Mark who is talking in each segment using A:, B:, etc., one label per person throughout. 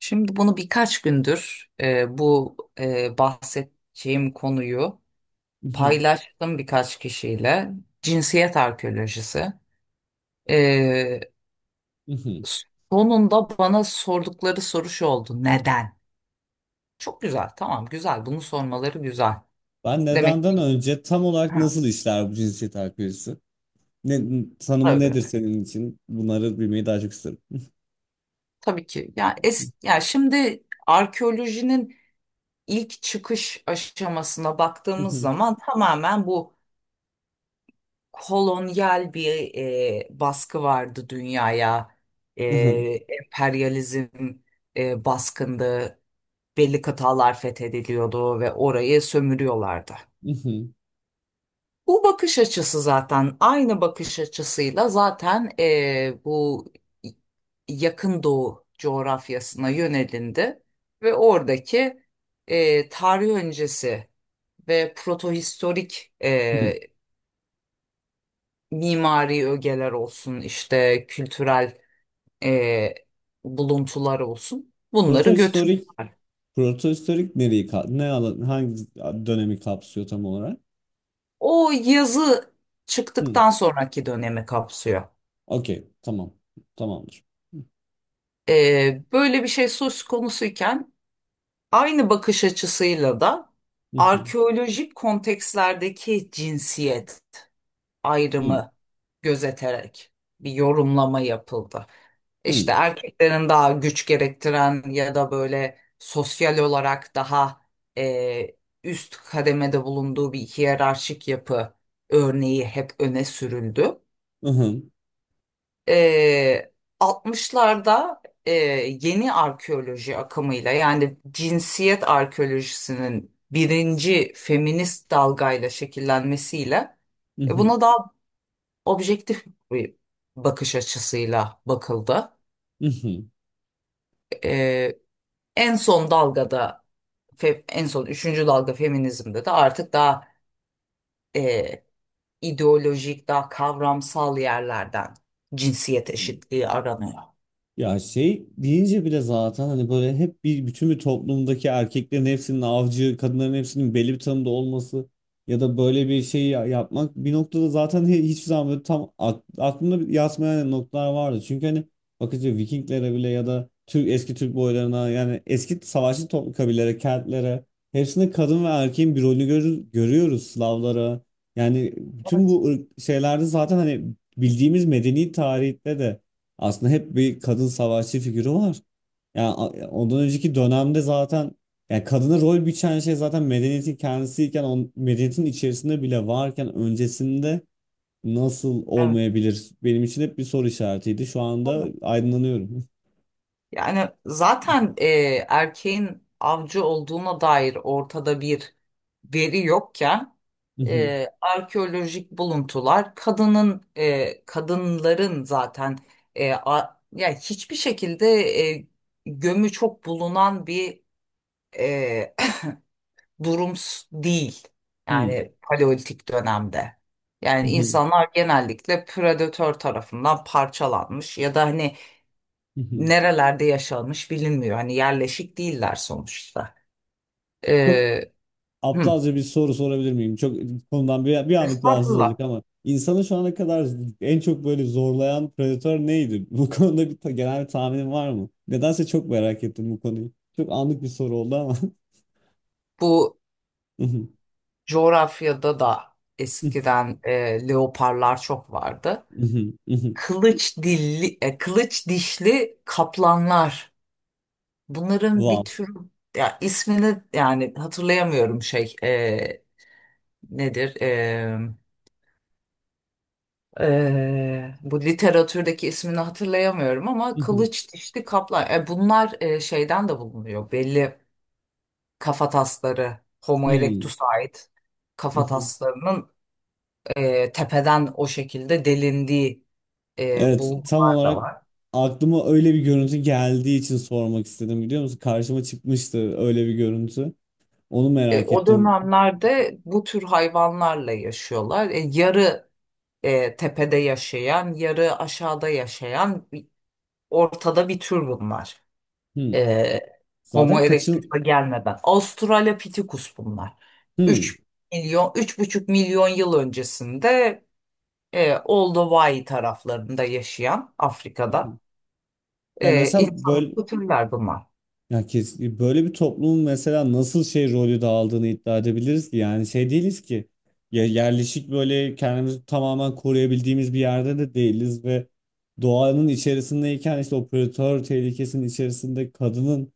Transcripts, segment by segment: A: Şimdi bunu birkaç gündür bu bahsedeceğim konuyu
B: Mhm,
A: paylaştım birkaç kişiyle. Cinsiyet arkeolojisi. E,
B: mhm.
A: Sonunda bana sordukları soru şu oldu. Neden? Çok güzel, tamam güzel. Bunu sormaları güzel.
B: Ben
A: Demek
B: nedenden
A: ki
B: önce tam olarak
A: ha,
B: nasıl işler bu cinsiyet ayrımcılığı? Ne, tanımı
A: tabii,
B: nedir senin için? Bunları bilmeyi daha çok isterim.
A: tabii ki. Ya ya şimdi arkeolojinin ilk çıkış aşamasına baktığımız
B: Mhm,
A: zaman tamamen bu kolonyal bir baskı vardı dünyaya. E,
B: aha,
A: Emperyalizm baskındı. Belli kıtalar fethediliyordu ve orayı sömürüyorlardı.
B: mhm,
A: Bu bakış açısı zaten aynı bakış açısıyla zaten bu yakın doğu coğrafyasına yönelindi ve oradaki tarih öncesi ve protohistorik
B: hı.
A: mimari ögeler olsun, işte kültürel e, buluntular olsun. Bunları
B: Protohistorik,
A: götürdüler.
B: protohistorik ne alan hangi dönemi kapsıyor tam olarak?
A: O yazı
B: Hı.
A: çıktıktan sonraki dönemi kapsıyor.
B: Okey, tamam. Tamamdır.
A: Böyle bir şey söz konusuyken aynı bakış açısıyla da
B: Mhm,
A: arkeolojik kontekstlerdeki cinsiyet
B: hı,
A: ayrımı gözeterek bir yorumlama yapıldı.
B: hı,
A: İşte erkeklerin daha güç gerektiren ya da böyle sosyal olarak daha e, üst kademede bulunduğu bir hiyerarşik yapı örneği hep öne sürüldü.
B: aha,
A: E, 60'larda e, yeni arkeoloji akımıyla yani cinsiyet arkeolojisinin birinci feminist dalgayla şekillenmesiyle
B: mhm,
A: buna daha objektif bir bakış açısıyla bakıldı.
B: mhm,
A: Ee, En son dalgada, en son üçüncü dalga feminizmde de artık daha e, ideolojik, daha kavramsal yerlerden cinsiyet
B: hı.
A: eşitliği aranıyor.
B: Ya şey deyince bile zaten hani böyle hep bir bütün bir toplumdaki erkeklerin hepsinin avcı, kadınların hepsinin belli bir tanımda olması ya da böyle bir şey yapmak bir noktada zaten hiçbir zaman böyle tam aklımda yatmayan noktalar vardı. Çünkü hani bakınca Vikinglere bile ya da eski Türk boylarına yani eski savaşçı toplum kabilelere, Keltlere hepsinde kadın ve erkeğin bir rolünü görür, görüyoruz Slavlara. Yani bütün bu şeylerde zaten hani bildiğimiz medeni tarihte de aslında hep bir kadın savaşçı figürü var. Yani ondan önceki dönemde zaten yani kadına rol biçen şey zaten medeniyetin kendisiyken medeniyetin içerisinde bile varken öncesinde nasıl
A: Evet.
B: olmayabilir? Benim için hep bir soru işaretiydi. Şu anda aydınlanıyorum.
A: Yani zaten erkeğin avcı olduğuna dair ortada bir veri yokken arkeolojik buluntular kadınların zaten yani hiçbir şekilde e, gömü çok bulunan bir e, durum değil. Yani paleolitik dönemde. Yani insanlar genellikle predatör tarafından parçalanmış ya da hani nerelerde yaşanmış bilinmiyor. Hani yerleşik değiller sonuçta.
B: Çok
A: Ee, hı.
B: aptalca bir soru sorabilir miyim? Çok konudan bir anlık bağımsız olacak
A: Estağfurullah.
B: ama insanı şu ana kadar en çok böyle zorlayan predatör neydi? Bu konuda genel bir tahminin var mı? Nedense çok merak ettim bu konuyu. Çok anlık bir soru oldu ama.
A: Bu coğrafyada da eskiden leoparlar çok vardı. Kılıç dişli kaplanlar. Bunların bir
B: Wow.
A: tür ya ismini yani hatırlayamıyorum şey nedir? Bu literatürdeki ismini hatırlayamıyorum ama kılıç dişli kaplan. Bunlar şeyden de bulunuyor. Belli kafatasları, Homo erectus'a ait kafataslarının tepeden o şekilde delindiği
B: Evet, tam
A: bulgular da
B: olarak
A: var.
B: aklıma öyle bir görüntü geldiği için sormak istedim biliyor musun? Karşıma çıkmıştı öyle bir görüntü. Onu merak
A: O
B: ettim.
A: dönemlerde bu tür hayvanlarla yaşıyorlar. Yarı tepede yaşayan, yarı aşağıda yaşayan ortada bir tür bunlar.
B: Hmm.
A: E, Homo
B: Zaten kaçın...
A: erectus'a gelmeden. Australopithecus bunlar.
B: Hmm.
A: 3 milyon, 3,5 milyon yıl öncesinde Old Hawaii taraflarında yaşayan Afrika'da
B: Ya mesela böyle
A: insanlıklı türler bunlar.
B: ya böyle bir toplumun mesela nasıl şey rolü dağıldığını iddia edebiliriz ki yani şey değiliz ki ya yerleşik böyle kendimizi tamamen koruyabildiğimiz bir yerde de değiliz ve doğanın içerisindeyken işte o predatör tehlikesinin içerisinde kadının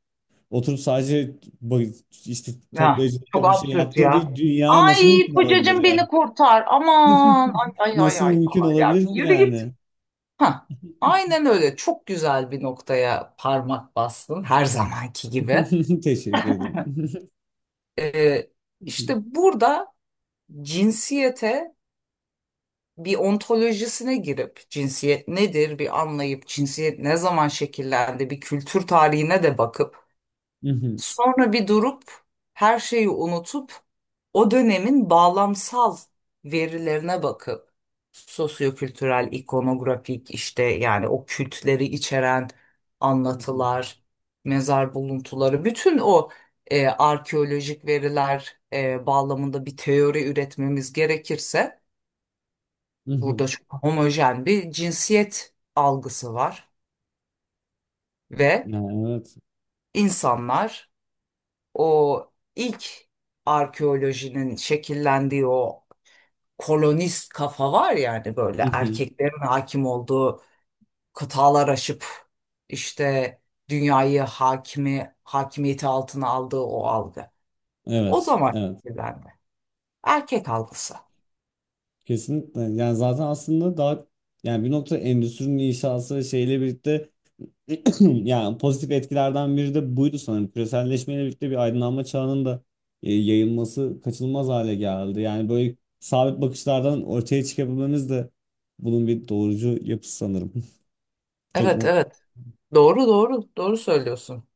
B: oturup sadece ba- işte
A: Ya,
B: toplayıcılık
A: çok
B: yapıp şey
A: absürt
B: yaptığı
A: ya.
B: bir dünya nasıl
A: Ay
B: mümkün olabilir
A: kocacığım
B: yani?
A: beni kurtar. Aman ay ay ay
B: Nasıl
A: ay
B: mümkün
A: falan ya.
B: olabilir
A: Bir
B: ki
A: yürü git.
B: yani?
A: Ha, aynen öyle. Çok güzel bir noktaya parmak bastın her zamanki gibi.
B: Teşekkür ederim.
A: E, işte burada cinsiyete bir ontolojisine girip cinsiyet nedir bir anlayıp cinsiyet ne zaman şekillendi bir kültür tarihine de bakıp sonra bir durup her şeyi unutup o dönemin bağlamsal verilerine bakıp sosyo-kültürel, ikonografik işte yani o kültleri içeren anlatılar, mezar buluntuları, bütün o arkeolojik veriler bağlamında bir teori üretmemiz gerekirse burada çok homojen bir cinsiyet algısı var ve
B: Ya evet.
A: insanlar o ilk arkeolojinin şekillendiği o kolonist kafa var yani böyle
B: Mhm.
A: erkeklerin hakim olduğu kıtalar aşıp işte dünyayı hakimiyeti altına aldığı o algı. O
B: Evet,
A: zaman
B: evet.
A: şekillendi. Erkek algısı.
B: Kesinlikle. Yani zaten aslında daha yani bir nokta endüstrinin inşası şeyle birlikte yani pozitif etkilerden biri de buydu sanırım. Küreselleşmeyle birlikte bir aydınlanma çağının da yayılması kaçınılmaz hale geldi. Yani böyle sabit bakışlardan ortaya çıkabilmemiz de bunun bir doğrucu yapısı sanırım. Çok
A: Evet,
B: mu?
A: evet. Doğru, doğru, doğru söylüyorsun.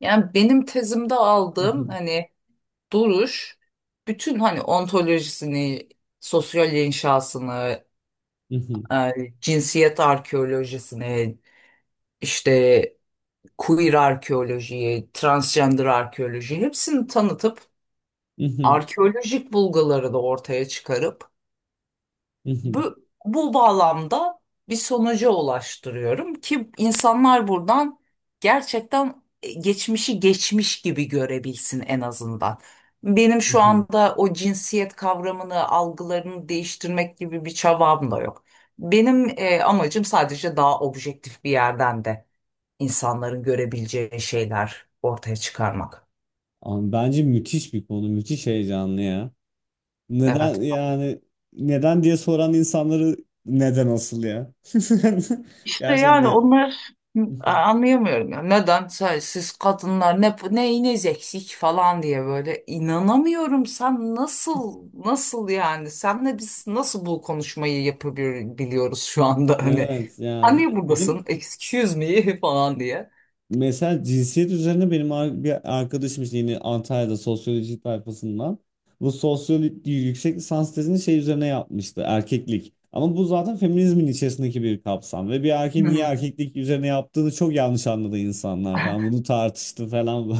A: Yani benim tezimde aldığım
B: Mhm.
A: hani duruş bütün hani ontolojisini, sosyal inşasını,
B: Mhm.
A: e, cinsiyet arkeolojisine, işte queer arkeolojiyi, transgender arkeolojiyi hepsini tanıtıp
B: Mhm.
A: arkeolojik bulguları da ortaya çıkarıp
B: Mhm.
A: bu bağlamda bir sonuca ulaştırıyorum ki insanlar buradan gerçekten geçmişi geçmiş gibi görebilsin en azından. Benim şu
B: Mhm.
A: anda o cinsiyet kavramını, algılarını değiştirmek gibi bir çabam da yok. Benim amacım sadece daha objektif bir yerden de insanların görebileceği şeyler ortaya çıkarmak.
B: Ama bence müthiş bir konu, müthiş heyecanlı ya. Neden
A: Evet.
B: yani neden diye soran insanları neden asıl ya?
A: İşte
B: Gerçekten
A: yani
B: ne?
A: onlar anlayamıyorum ya. Neden siz kadınlar neyiniz eksik falan diye böyle inanamıyorum. Sen nasıl nasıl yani? Senle biz nasıl bu konuşmayı yapabiliyoruz şu anda hani?
B: Evet
A: Sen
B: yani
A: niye
B: benim
A: buradasın? Excuse me falan diye.
B: mesela cinsiyet üzerine benim bir arkadaşım işte yine Antalya'da sosyoloji tayfasından bu sosyoloji yüksek lisans tezini şey üzerine yapmıştı erkeklik. Ama bu zaten feminizmin içerisindeki bir kapsam ve bir erkeğin niye
A: Hmm.
B: erkeklik üzerine yaptığını çok yanlış anladı insanlar falan bunu tartıştı falan.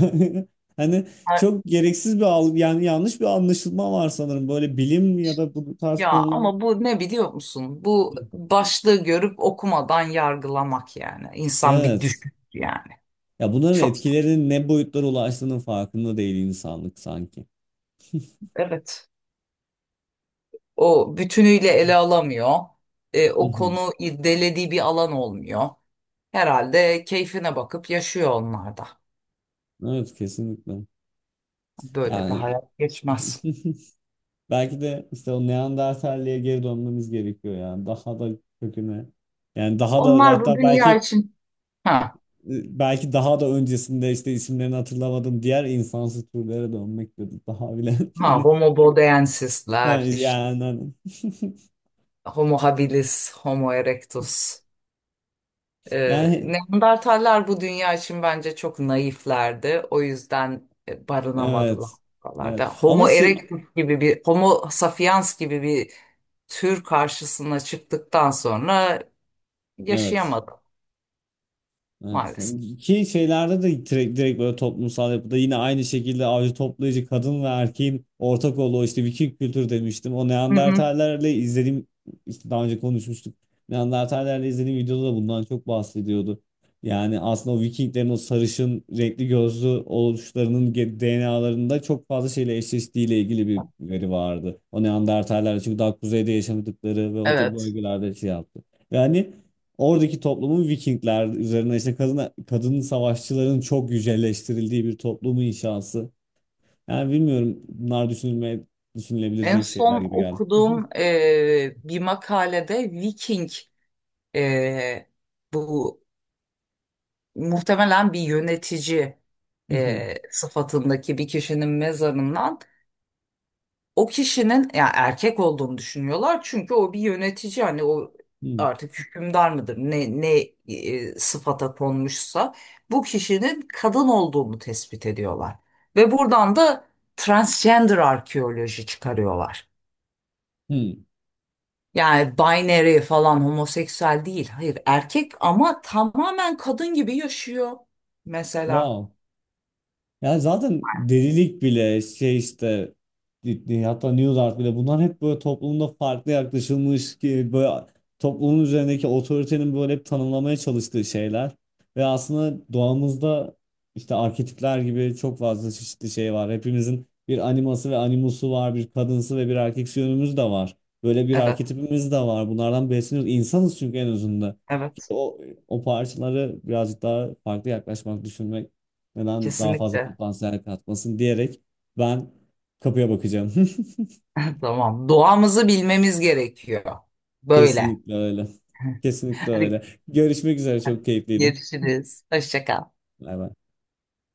B: Hani
A: Ha,
B: çok gereksiz bir algı yani yanlış bir anlaşılma var sanırım böyle bilim ya da bu tarz
A: ya
B: konular.
A: ama bu ne biliyor musun? Bu
B: Hı.
A: başlığı görüp okumadan yargılamak yani. İnsan bir
B: Evet.
A: düşün yani.
B: Ya bunların
A: Çok,
B: etkilerinin ne boyutlara ulaştığının farkında değil insanlık sanki.
A: evet. O bütünüyle ele alamıyor.
B: Hı
A: O
B: hı.
A: konu irdelediği bir alan olmuyor. Herhalde keyfine bakıp yaşıyor onlar da.
B: Evet kesinlikle.
A: Böyle de
B: Yani
A: hayat geçmez.
B: belki de işte o Neandertalliğe geri dönmemiz gerekiyor yani. Daha da köküne. Yani daha da
A: Onlar bu
B: hatta
A: dünya
B: belki
A: için. Ha,
B: belki daha da öncesinde işte isimlerini hatırlamadığım diğer insansı türlere dönmek dedi. Daha bile
A: ha
B: hani
A: Homo
B: ha,
A: bodensisler, işte
B: yani hani.
A: homo habilis, homo erectus.
B: yani
A: Neandertaller bu dünya için bence çok naiflerdi. O yüzden barınamadılar
B: evet. Evet.
A: buralarda.
B: Ama
A: Homo
B: şey
A: erectus gibi bir, homo sapiens gibi bir tür karşısına çıktıktan sonra
B: evet.
A: yaşayamadım
B: Evet.
A: maalesef.
B: Ki şeylerde de direkt böyle toplumsal yapıda yine aynı şekilde avcı toplayıcı kadın ve erkeğin ortak olduğu işte Viking kültür demiştim. O
A: Hı hı,
B: Neandertallerle izlediğim işte daha önce konuşmuştuk. Neandertallerle izlediğim videoda da bundan çok bahsediyordu. Yani aslında o Vikinglerin o sarışın renkli gözlü oluşlarının DNA'larında çok fazla şeyle eşleştiğiyle ilgili bir veri vardı. O Neandertallerle çünkü daha kuzeyde yaşadıkları ve o to-
A: evet.
B: bölgelerde şey yaptı. Yani oradaki toplumun Vikingler üzerine işte kadın savaşçıların çok yücelleştirildiği bir toplumu inşası. Yani bilmiyorum bunlar düşünülmeye
A: En
B: düşünülebilecek şeyler
A: son
B: gibi geldi.
A: okuduğum bir makalede Viking e, bu muhtemelen bir yönetici
B: Hmm,
A: sıfatındaki bir kişinin mezarından o kişinin ya erkek olduğunu düşünüyorlar çünkü o bir yönetici hani o
B: hmm,
A: artık hükümdar mıdır ne ne sıfata konmuşsa bu kişinin kadın olduğunu tespit ediyorlar ve buradan da transgender arkeoloji çıkarıyorlar.
B: hmm.
A: Yani binary falan homoseksüel değil. Hayır erkek ama tamamen kadın gibi yaşıyor mesela.
B: Wow. Yani zaten delilik bile şey işte hatta New Art bile bunlar hep böyle toplumda farklı yaklaşılmış ki böyle toplumun üzerindeki otoritenin böyle hep tanımlamaya çalıştığı şeyler ve aslında doğamızda işte arketipler gibi çok fazla çeşitli şey var. Hepimizin bir animası ve animusu var, bir kadınsı ve bir erkeksi yönümüz de var. Böyle bir
A: Evet,
B: arketipimiz de var. Bunlardan besleniyoruz. İnsanız çünkü en özünde.
A: evet.
B: O, o parçaları birazcık daha farklı yaklaşmak, düşünmek neden daha fazla
A: Kesinlikle.
B: potansiyel katmasın diyerek ben kapıya bakacağım.
A: Tamam. Doğamızı bilmemiz gerekiyor. Böyle.
B: Kesinlikle öyle. Kesinlikle öyle. Görüşmek üzere çok keyifliydi.
A: Görüşürüz. Hoşça kal.
B: Bay bay.